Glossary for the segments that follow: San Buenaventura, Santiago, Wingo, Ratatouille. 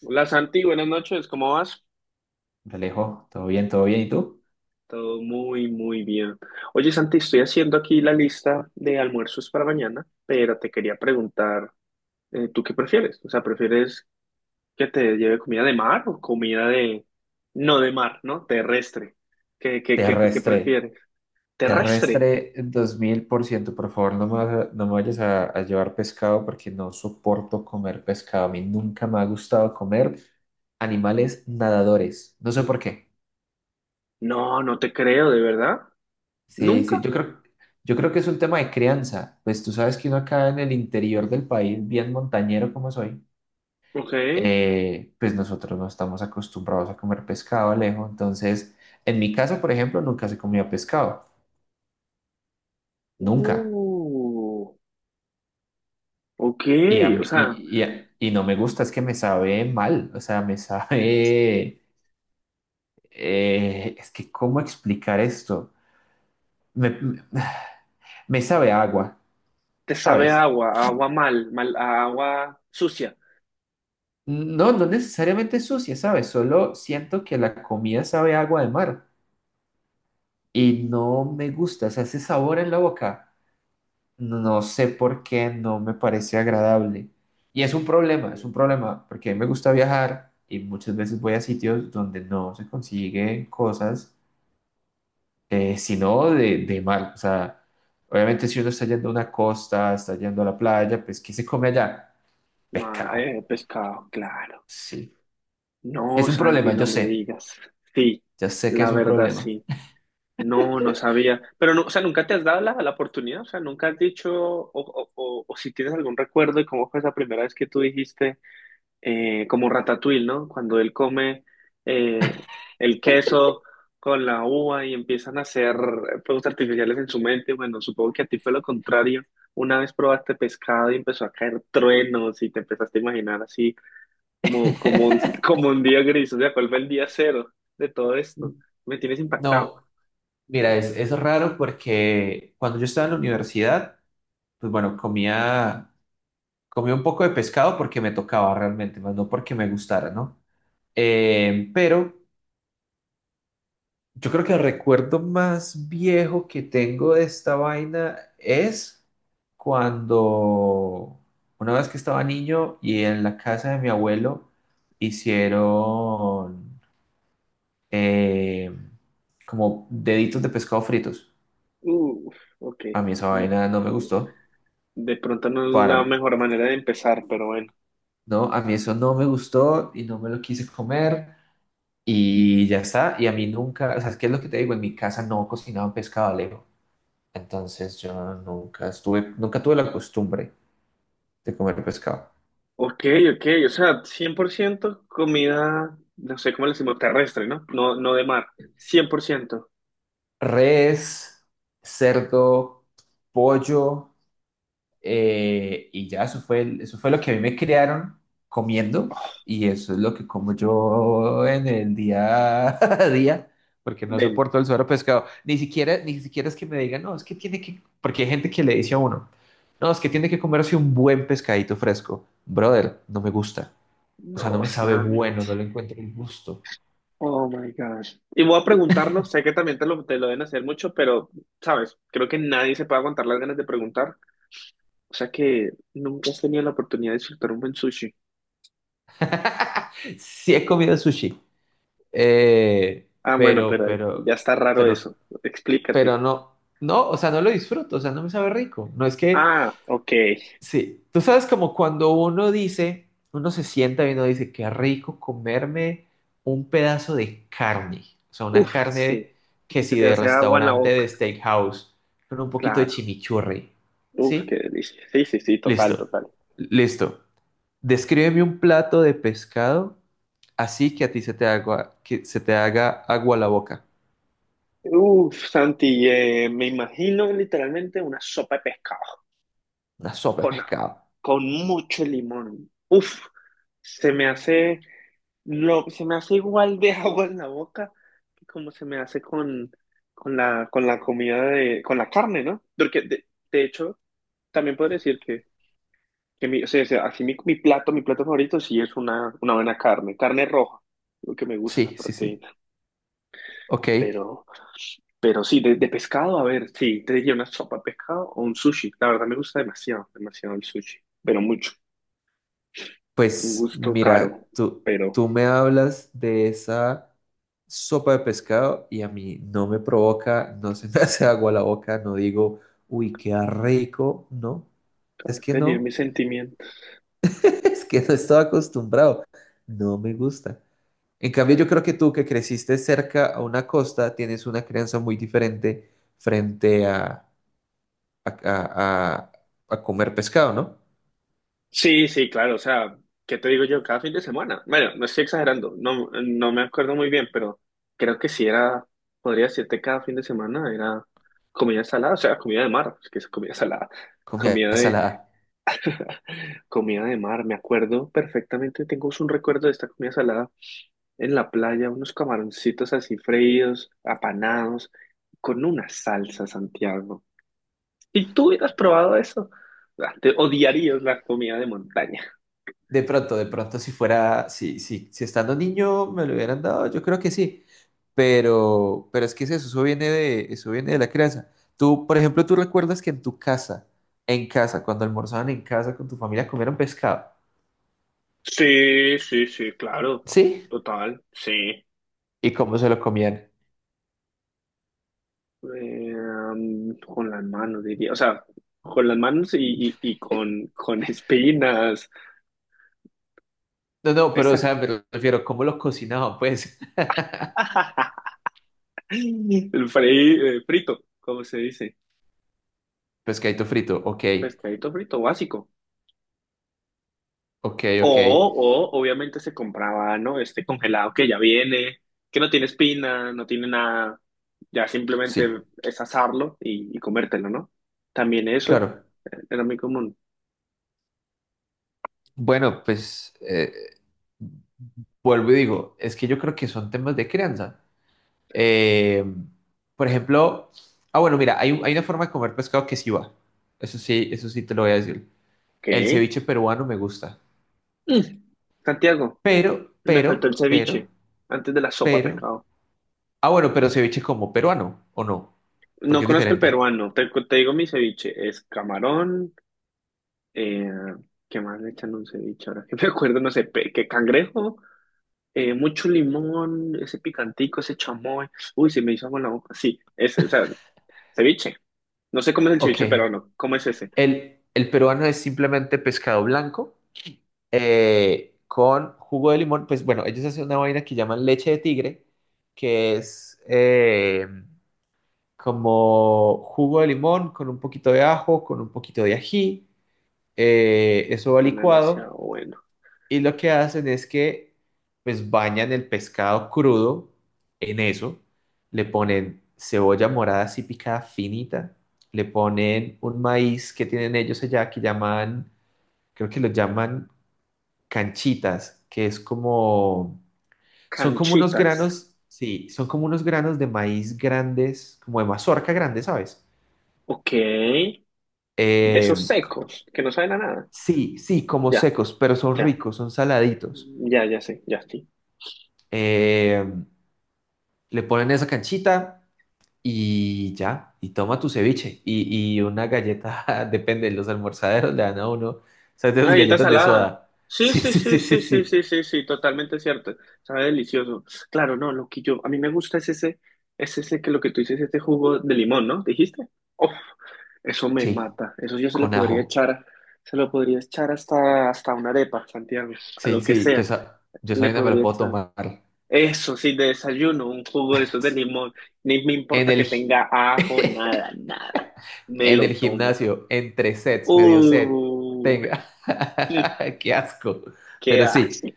Hola Santi, buenas noches, ¿cómo vas? Alejo, todo bien, todo bien. ¿Y tú? Todo muy, muy bien. Oye Santi, estoy haciendo aquí la lista de almuerzos para mañana, pero te quería preguntar, ¿tú qué prefieres? O sea, ¿prefieres que te lleve comida de mar o comida de... no de mar, ¿no? Terrestre. ¿Qué Terrestre. prefieres? ¿Terrestre? Terrestre 2000%. Por ciento. Por favor, no me vayas a llevar pescado porque no soporto comer pescado. A mí nunca me ha gustado comer animales nadadores. No sé por qué. No te creo, ¿de verdad? Sí, sí, ¿Nunca? Yo creo que es un tema de crianza. Pues tú sabes que uno acá en el interior del país, bien montañero como soy, Ok. Pues nosotros no estamos acostumbrados a comer pescado, Alejo. Entonces, en mi casa, por ejemplo, nunca se comía pescado. Nunca. Uh, ok, Y, a o mí- sea, y- a- y no me gusta, es que me sabe mal, o sea, me sabe, es que ¿cómo explicar esto? Me, me- me sabe a agua, te sabe ¿sabes? A agua mal, mal, a agua sucia. No, no necesariamente sucia, ¿sabes? Solo siento que la comida sabe a agua de mar y no me gusta, o sea, ese sabor en la boca, no sé por qué, no me parece agradable. Y es Eh, un problema, porque a mí me gusta viajar y muchas veces voy a sitios donde no se consiguen cosas sino de mal. O sea, obviamente si uno está yendo a una costa, está yendo a la playa, pues ¿qué se come allá? Pescado. Pescado, claro. Sí. Es No, un Santi, problema, yo no me sé. digas. Sí, Ya sé que la es un verdad problema. sí. No, no sabía. Pero no, o sea, nunca te has dado la oportunidad, o sea, nunca has dicho, o si tienes algún recuerdo de cómo fue esa primera vez que tú dijiste. Como Ratatouille, ¿no? Cuando él come eh, el queso con la uva y empiezan a hacer fuegos artificiales en su mente. Bueno, supongo que a ti fue lo contrario. Una vez probaste pescado y empezó a caer truenos y te empezaste a imaginar así como un, como un día gris. O sea, ¿cuál fue el día cero de todo esto? Me tienes impactado. No, mira, es raro porque cuando yo estaba en la universidad, pues bueno, comía un poco de pescado porque me tocaba realmente, más no porque me gustara, ¿no? Pero yo creo que el recuerdo más viejo que tengo de esta vaina es cuando una vez que estaba niño y en la casa de mi abuelo hicieron eh, como deditos de pescado fritos. Uf, ok. A mí esa Mm, vaina no me gustó, de pronto no es la para, mejor manera de empezar, pero bueno. ¿no? A mí eso no me gustó y no me lo quise comer y ya está. Y a mí nunca, o sea, es que es lo que te digo, en mi casa no cocinaban pescado, Alejo. Entonces yo nunca estuve, nunca tuve la costumbre de comer pescado. Ok, ok, o sea, 100% comida, no sé cómo le decimos, terrestre, ¿no? No, no de mar, 100%. Res, cerdo, pollo, y ya eso fue, eso fue lo que a mí me criaron comiendo, y eso es lo que como yo en el día a día, porque no Del... soporto el suero pescado. Ni siquiera, ni siquiera es que me digan, no, es que tiene que, porque hay gente que le dice a uno, no, es que tiene que comerse un buen pescadito fresco. Brother, no me gusta. O sea, no No, me sabe Sam, bueno, no le encuentro el gusto. oh my gosh. Y voy a preguntarlo, sé que también te lo deben hacer mucho, pero, sabes, creo que nadie se puede aguantar las ganas de preguntar, o sea que nunca has tenido la oportunidad de disfrutar un buen sushi. Sí he comido sushi, eh, Ah, bueno, pero, pero ahí ya pero, está raro pero, eso, pero explícate. no, no, o sea, no lo disfruto, o sea, no me sabe rico. No es que, Ah, ok, sí, tú sabes, como cuando uno dice, uno se sienta y uno dice, qué rico comerme un pedazo de carne, o sea, una uf, carne, sí, que que se si te de hace agua en la restaurante boca, de steakhouse, con un poquito de claro. chimichurri, Uf, qué ¿sí? delicia. Sí, sí, sí, total, Listo, total. listo. Descríbeme un plato de pescado así que a ti se te haga, que se te haga agua la boca. Uf, Santi, me imagino literalmente una sopa de pescado Una sopa de con, a- pescado. con mucho limón. Uf, se me hace se me hace igual de agua en la boca que como se me hace con con la comida con la carne, ¿no? Porque de hecho, también puedo decir que mi, así mi plato favorito sí es una buena carne, carne roja, lo que me gusta, Sí, sí, sí. proteína. Ok, Pero, pero sí, de pescado, a ver, sí, te diría una sopa de pescado o un sushi. La verdad me gusta demasiado, demasiado el sushi, pero mucho. Un pues gusto caro, mira, pero tú me hablas de esa sopa de pescado y a mí no me provoca, no se me hace agua la boca, no digo, uy, qué rico, no. Es acabas que de herir no, mis sentimientos. es que no estaba acostumbrado, no me gusta. En cambio, yo creo que tú, que creciste cerca a una costa, tienes una crianza muy diferente frente a, a- a- a comer pescado, ¿no? Sí, sí, claro, o sea, ¿qué te digo yo? Cada fin de semana. Bueno, no estoy exagerando, no, no me acuerdo muy bien, pero creo que sí era, podría decirte cada fin de semana era comida salada, o sea, comida de mar, es que es comida salada, Comida comida de, salada. comida de mar, me acuerdo perfectamente, tengo un recuerdo de esta comida salada en la playa unos camaroncitos así freídos, apanados, con una salsa, Santiago. Si tú hubieras probado eso, ah, te odiarías la comida de montaña. De pronto, si fuera, si estando niño me lo hubieran dado, yo creo que sí. Pero es que es eso, eso viene de la crianza. Tú, por ejemplo, tú recuerdas que en tu casa, en casa, cuando almorzaban en casa con tu familia, comieron pescado. Sí, sí, sí, claro, ¿Sí? total, sí. ¿Y cómo se lo comían? Con las manos, diría, o sea, con las manos y con espinas. No, no, pero, o Esa. sea, me refiero, ¿cómo lo cocinaban, pues? Frito, como se dice? Pescadito frito, ok, Pescadito frito básico. ok, ok. O obviamente se compraba, ¿no? Este congelado que ya viene, que no tiene espina, no tiene nada. Ya simplemente Sí, es asarlo y comértelo, ¿no? También eso claro. Era muy común. Bueno, pues vuelvo y digo, es que yo creo que son temas de crianza. Eh, por ejemplo, ah, bueno, mira, hay una forma de comer pescado que sí va. Eso sí te lo voy a decir. El ¿Qué? ceviche peruano me gusta. Mm. Santiago, Pero, me faltó pero, el pero, ceviche antes de la sopa de pero. pescado. Ah, bueno, pero ceviche como peruano, ¿o no? No Porque es conozco el diferente. peruano, te digo mi ceviche, es camarón, eh, ¿qué más le echan a un ceviche? Ahora que me acuerdo, no sé, ¿qué cangrejo? Mucho limón, ese picantico, ese chamoy. Uy, se me hizo agua en la boca. Sí, ese, o sea, ceviche. No sé cómo es el Ok. ceviche peruano. ¿Cómo es ese? El peruano es simplemente pescado blanco, con jugo de limón. Pues bueno, ellos hacen una vaina que llaman leche de tigre, que es como jugo de limón con un poquito de ajo, con un poquito de ají. Eso va Bueno, licuado demasiado bueno. y lo que hacen es que pues bañan el pescado crudo en eso. Le ponen cebolla morada así picada finita. Le ponen un maíz que tienen ellos allá que llaman, creo que lo llaman canchitas, que es como, son como unos Canchitas. granos, sí, son como unos granos de maíz grandes, como de mazorca grande, ¿sabes? Ok. De Eh, esos secos, que no saben a nada. sí, sí, como Ya, secos, pero son ya, ricos, son saladitos. ya, ya sé, ya sí. Eh, le ponen esa canchita y ya, y toma tu ceviche y una galleta, depende, los almorzaderos le dan a uno, ¿sabes? De Una esas galleta galletas de salada. soda. Sí, Sí, sí, sí, sí, sí, sí, sí, sí, sí. sí, sí, sí, totalmente cierto. Sabe delicioso. Claro, no, lo que yo, a mí me gusta es ese que lo que tú dices, este jugo de limón, ¿no? ¿Dijiste? Eso me Sí, mata. Eso yo se lo con podría ajo. echar, se lo podría echar hasta, hasta una arepa, Santiago, a Sí, lo que sí, sea. Yo Le soy, no me lo podría puedo echar. tomar. Eso sí, de desayuno, un jugo de esos de limón. Ni me En importa el, que gi- tenga ajo, nada, nada. Me en lo el tomo. gimnasio, entre sets, medio Uy, set, tenga. Qué asco. ¿qué Pero sí, hace?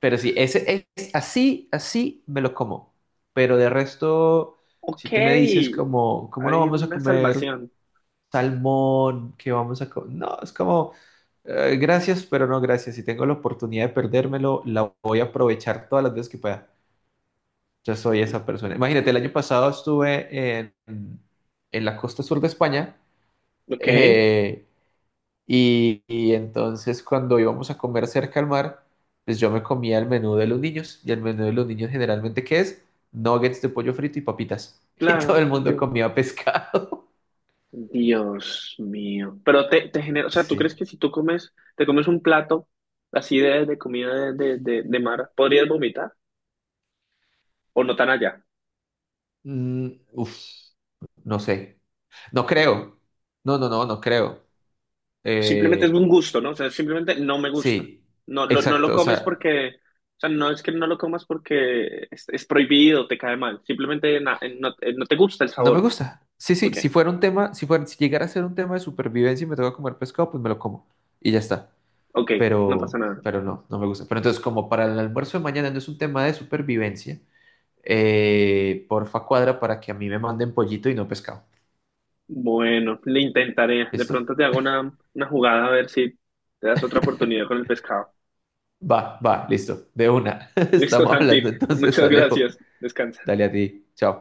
pero sí, ese es así, así me lo como. Pero de resto, Ok, si tú me dices como, ¿cómo no hay vamos a una comer salvación. salmón? ¿Qué vamos a comer? No, es como, gracias, pero no gracias. Si tengo la oportunidad de perdérmelo, la voy a aprovechar todas las veces que pueda. Ya soy esa persona. Imagínate, el año pasado estuve en la costa sur de España, Ok, eh, y entonces cuando íbamos a comer cerca al mar, pues yo me comía el menú de los niños, y el menú de los niños generalmente ¿qué es? Nuggets de pollo frito y papitas. Y todo claro. el mundo Sí. comía pescado. Dios mío. Pero te genera, o sea, ¿tú crees Sí. que si tú comes, te comes un plato así de comida de mar, podrías vomitar? ¿O no tan allá? Mm, uf, no sé. No creo. No, no, no, no creo. Simplemente es Eh, un gusto, ¿no? O sea, simplemente no me gusta. sí, No lo exacto. O comes sea... porque, o sea, no es que no lo comas porque es prohibido, te cae mal. Simplemente no te gusta el No me sabor. gusta. Sí, sí, Ok, si fuera un tema, si llegara a ser un tema de supervivencia y me toca comer pescado, pues me lo como y ya está. ok, no Pero, pasa nada. pero no, no me gusta. Pero entonces, como para el almuerzo de mañana no es un tema de supervivencia, porfa cuadra para que a mí me manden pollito y no pescado. Bueno, le intentaré. De ¿Listo? pronto te hago una jugada a ver si te das otra oportunidad con el pescado. Va, va, listo. De una. Listo, Estamos Santi. hablando entonces, Muchas Alejo. gracias. Descansa. Dale a ti. Chao.